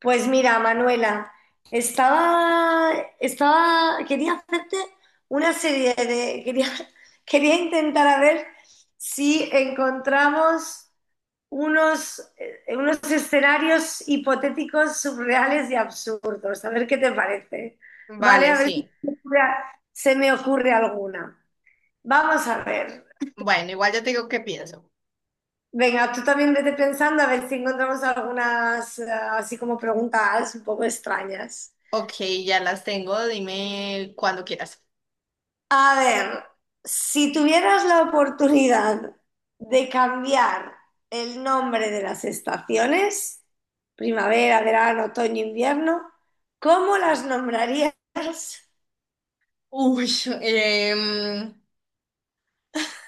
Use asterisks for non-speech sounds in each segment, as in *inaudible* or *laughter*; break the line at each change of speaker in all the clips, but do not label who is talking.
Pues mira, Manuela, estaba, quería hacerte una serie de, quería, *laughs* quería intentar a ver si encontramos unos, unos escenarios hipotéticos surreales y absurdos. A ver qué te parece. ¿Vale?
Vale,
A ver si se
sí.
me ocurre, se me ocurre alguna. Vamos a ver.
Bueno, igual ya te digo qué pienso.
Venga, tú también vete pensando a ver si encontramos algunas, así como preguntas un poco extrañas.
Ok, ya las tengo, dime cuando quieras.
A ver, si tuvieras la oportunidad de cambiar el nombre de las estaciones, primavera, verano, otoño, invierno, ¿cómo las nombrarías?
Uy, em,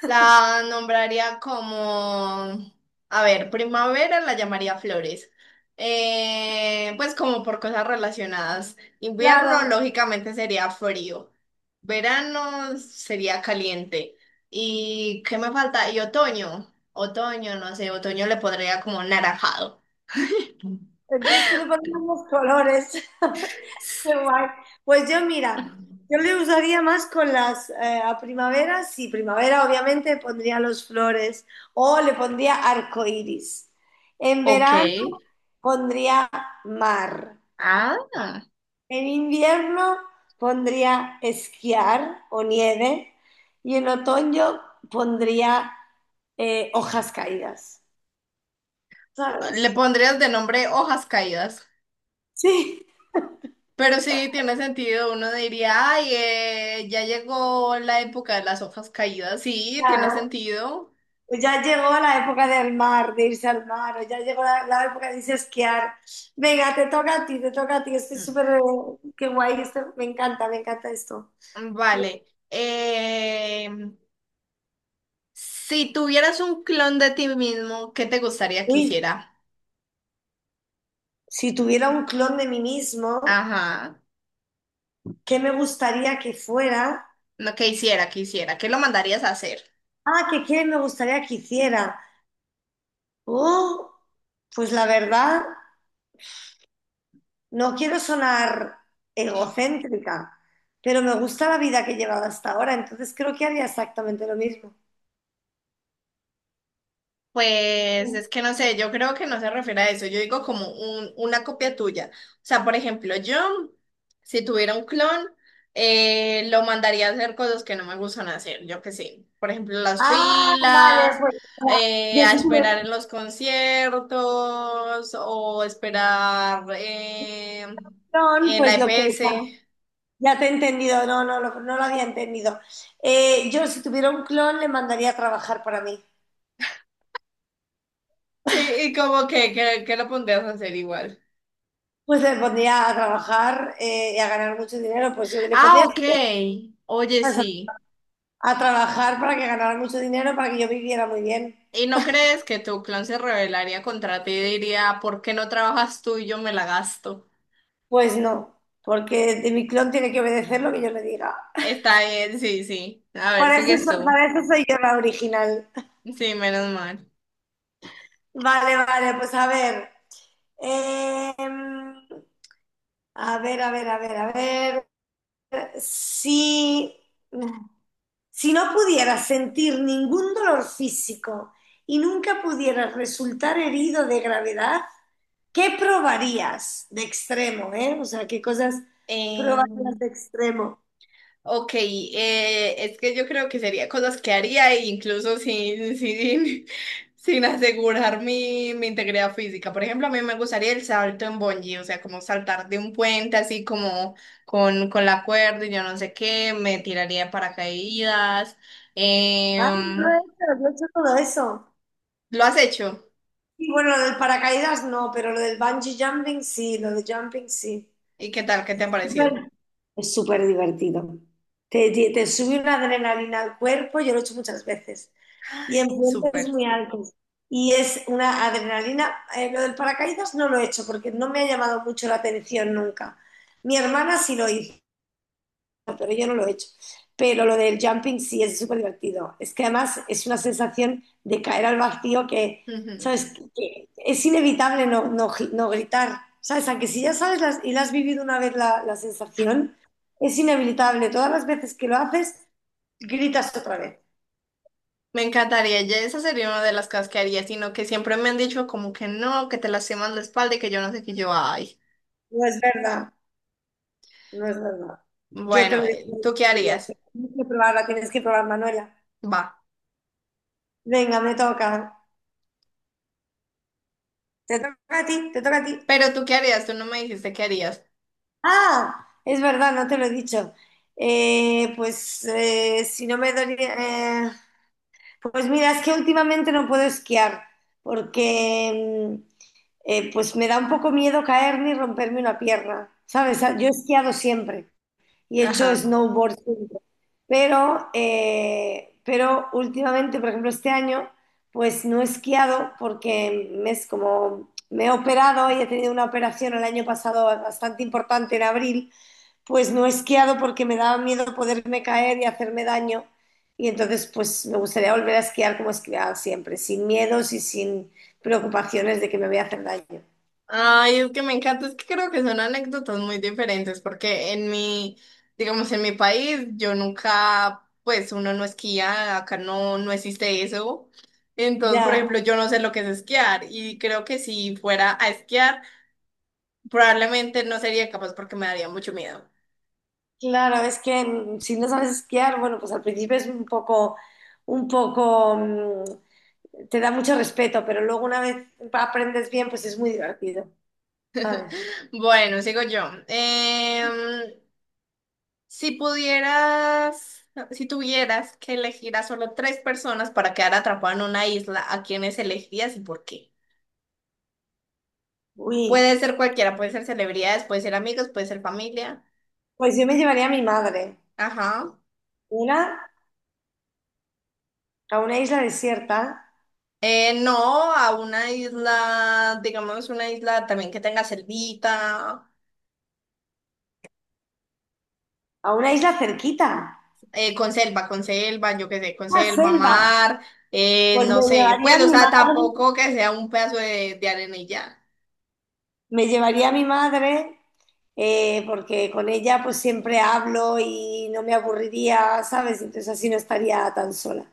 la nombraría como primavera la llamaría flores. Pues como por cosas relacionadas. Invierno,
Claro,
lógicamente, sería frío. Verano sería caliente. ¿Y qué me falta? Y otoño. Otoño, no sé, otoño le pondría como naranjado.
entonces tú le pones los colores. *laughs* Qué guay. Pues yo, mira, yo le usaría más con las a primavera. Sí, primavera, obviamente, pondría los flores o le pondría arco iris. En
Ok.
verano pondría mar.
Ah,
En invierno pondría esquiar o nieve, y en otoño pondría hojas caídas,
le
¿sabes?
pondrías de nombre hojas caídas.
Sí,
Pero sí, tiene sentido. Uno diría, ay, ya llegó la época de las hojas caídas. Sí, tiene
claro.
sentido.
Pues ya llegó la época del mar, de irse al mar, o ya llegó la época de irse a esquiar. Venga, te toca a ti, te toca a ti. Estoy
Mm,
súper, qué guay, esto- me encanta esto.
vale. Si tuvieras un clon de ti mismo, ¿qué te gustaría que
Uy,
hiciera?
si tuviera un clon de mí mismo,
Ajá.
¿qué me gustaría que fuera?
No, que hiciera, que hiciera. ¿Qué lo mandarías a hacer?
Ah, ¿qué me gustaría que hiciera? Oh, pues la verdad, no quiero sonar egocéntrica, pero me gusta la vida que he llevado hasta ahora, entonces creo que haría exactamente lo mismo.
Pues es que no sé, yo creo que no se refiere a eso, yo digo como una copia tuya. O sea, por ejemplo, yo, si tuviera un clon, lo mandaría a hacer cosas que no me gustan hacer, yo que sé. Por ejemplo, las
Ah, vale,
filas,
pues ya, ya
a
sé que
esperar
me-
en los conciertos o esperar
no,
en la
pues lo que ya,
EPS. *laughs*
ya te he entendido, no, no, lo- no lo había entendido. Yo si tuviera un clon le mandaría a trabajar para mí.
Y, como que, que lo pondrías a hacer igual.
Pues le pondría a trabajar y a ganar mucho dinero, pues yo le
Ah,
pondría a
ok.
estudiar,
Oye, sí.
a trabajar para que ganara mucho dinero, para que yo viviera muy bien.
¿Y no crees que tu clan se rebelaría contra ti y diría, ¿por qué no trabajas tú y yo me la gasto?
Pues no, porque de mi clon tiene que obedecer lo que yo le diga.
Está bien, sí, sí. A ver,
Para eso,
sigues
so-
tú.
para eso soy yo la original.
Sí, menos mal.
Vale, vale, pues a ver. eh, a ver, a ver, a ver, a ver. Si, si no pudieras sentir ningún dolor físico y nunca pudieras resultar herido de gravedad, ¿qué probarías de extremo, eh? O sea, ¿qué cosas probarías
Eh,
de extremo?
ok, es que yo creo que sería cosas que haría e incluso sin, sin, *laughs* sin asegurar mi, mi integridad física. Por ejemplo, a mí me gustaría el salto en bungee, o sea, como saltar de un puente así como con la cuerda y yo no sé qué, me tiraría de paracaídas.
Ah,
Em,
yo he hecho todo eso.
¿lo has hecho?
Y bueno, lo del paracaídas no, pero lo del bungee jumping sí, lo de jumping sí.
¿Y qué tal? ¿Qué te ha parecido?
Bueno, es súper divertido. Te sube una adrenalina al cuerpo, yo lo he hecho muchas veces. Y en
Ay,
puentes
súper.
muy altos. Y es una adrenalina. Lo del paracaídas no lo he hecho porque no me ha llamado mucho la atención nunca. Mi hermana sí lo hizo, pero yo no lo he hecho. Pero lo del jumping sí es súper divertido. Es que además es una sensación de caer al vacío que,
Ujú.
¿sabes? Que es inevitable no, no gi- no gritar. ¿Sabes? Aunque si ya sabes las- y la has vivido una vez la sensación, es inevitable. Todas las veces que lo haces, gritas otra vez.
Me encantaría. Ya esa sería una de las cosas que haría, sino que siempre me han dicho como que no, que te lastimas la espalda y que yo no sé qué yo. Ay.
No es verdad, no es verdad. Yo te
Bueno,
lo digo por
¿tú qué
experiencia.
harías?
Tienes que probarla, tienes que probar, Manuela.
Va.
Venga, me toca. Te toca a ti, te toca a ti.
Pero tú qué harías, tú no me dijiste qué harías.
Ah, es verdad, no te lo he dicho. Pues si no me dolía... eh, pues mira, es que últimamente no puedo esquiar porque pues me da un poco miedo caerme y romperme una pierna, ¿sabes? Yo he esquiado siempre y he hecho
Ajá.
snowboard siempre, pero últimamente, por ejemplo, este año, pues no he esquiado porque me es como... Me he operado y he tenido una operación el año pasado bastante importante en abril, pues no he esquiado porque me daba miedo poderme caer y hacerme daño. Y entonces, pues me gustaría volver a esquiar como esquiaba siempre, sin miedos y sin preocupaciones de que me voy a hacer daño.
Ay, es que me encanta, es que creo que son anécdotas muy diferentes, porque en mi, digamos, en mi país, yo nunca, pues uno no esquía, acá no, no existe eso. Entonces, por
Ya,
ejemplo, yo no sé lo que es esquiar y creo que si fuera a esquiar, probablemente no sería capaz porque me daría mucho miedo.
claro, es que si no sabes esquiar, bueno, pues al principio es un poco, te da mucho respeto, pero luego una vez aprendes bien, pues es muy divertido, ¿sabes?
Bueno, sigo yo. Em, si pudieras, si tuvieras que elegir a solo tres personas para quedar atrapado en una isla, ¿a quiénes elegirías y por qué?
Uy,
Puede ser cualquiera, puede ser celebridades, puede ser amigos, puede ser familia.
pues yo me llevaría a mi madre,
Ajá.
una, a una isla desierta,
No, a una isla, digamos una isla también que tenga selvita,
a una isla cerquita.
con selva, yo qué sé, con
Una
selva,
selva,
mar,
pues me
no sé,
llevaría a
pues, o
mi
sea,
madre,
tampoco que sea un pedazo de arena y ya.
me llevaría a mi madre, porque con ella pues siempre hablo y no me aburriría, ¿sabes? Entonces así no estaría tan sola.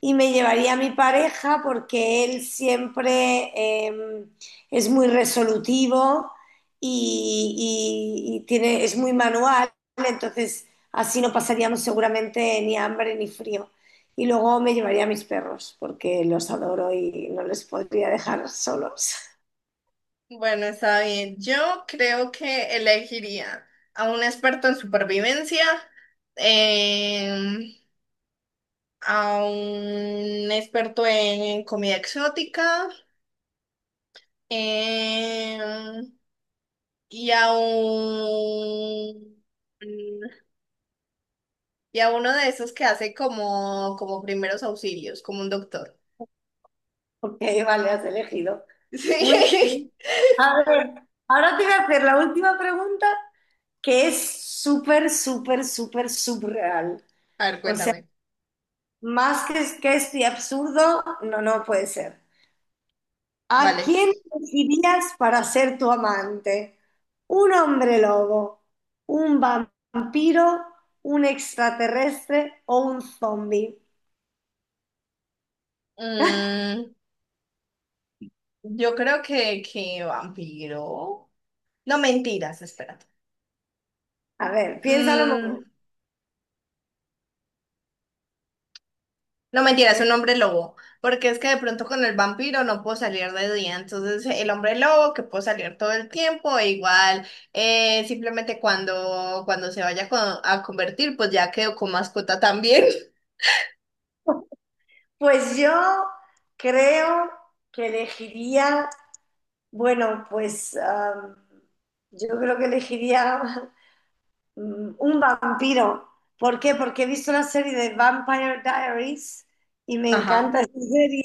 Y me llevaría a mi pareja porque él siempre eh, es muy resolutivo y tiene, es muy manual, entonces así no pasaríamos seguramente ni hambre ni frío. Y luego me llevaría a mis perros porque los adoro y no les podría dejar solos. *laughs*
Bueno, está bien. Yo creo que elegiría a un experto en supervivencia, em, a un experto en comida exótica. Em, y a un y a uno de esos que hace como, como primeros auxilios, como un doctor. *laughs*
Ok, vale, has elegido. Muy
Sí.
bien. A ver, ahora te voy a hacer la última pregunta que es súper, súper, súper subreal.
A ver,
O sea,
cuéntame.
más que este absurdo, no, no puede ser. ¿A
Vale.
quién elegirías para ser tu amante? ¿Un hombre lobo? ¿Un vampiro? ¿Un extraterrestre o un zombie?
Mm, yo creo que vampiro. No, mentiras, espérate.
A ver, piénsalo un
Mm,
momento,
no mentira, es
¿eh?
un hombre lobo, porque es que de pronto con el vampiro no puedo salir de día, entonces el hombre lobo que puedo salir todo el tiempo, e igual simplemente cuando, cuando a convertir, pues ya quedo con mascota también.
*laughs* Pues yo creo que elegiría, bueno, pues ah, yo creo que elegiría *laughs* Mm, un vampiro. ¿Por qué? Porque he visto la serie de Vampire Diaries y
*laughs*
me
Ajá.
encanta esa serie.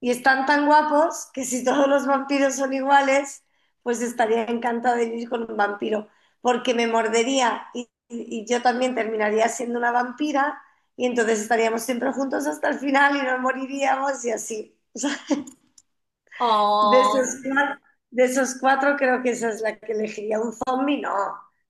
Y están tan guapos que si todos los vampiros son iguales, pues estaría encantada de vivir con un vampiro. Porque me mordería y yo también terminaría siendo una vampira. Y entonces estaríamos siempre juntos hasta el final y nos moriríamos y así. *laughs* O sea, de esos
Oh,
cuatro, de esos cuatro creo que esa es la que elegiría. Un zombie no.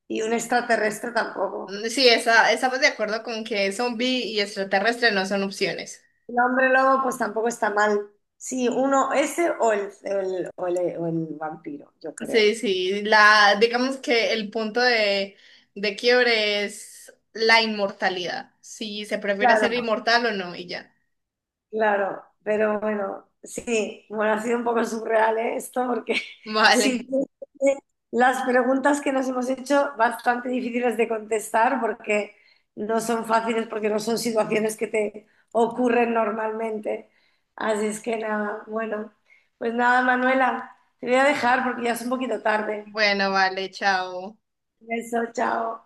Y un extraterrestre tampoco.
mm, sí, esa, estamos de acuerdo con que zombie y extraterrestre no son opciones.
El hombre lobo, pues tampoco está mal. Sí, uno, ese o el, o el- o el- o el vampiro, yo creo.
Sí, sí, la, digamos que el punto de quiebre es la inmortalidad, si se prefiere ser
Claro,
inmortal o no, y ya.
claro, pero bueno, sí, bueno, ha sido un poco surreal, ¿eh? Esto, porque
*laughs*
*laughs* sí,
Vale.
las preguntas que nos hemos hecho bastante difíciles de contestar porque no son fáciles, porque no son situaciones que te ocurren normalmente. Así es que nada, bueno, pues nada, Manuela, te voy a dejar porque ya es un poquito tarde.
Bueno, vale, chao.
Beso, chao.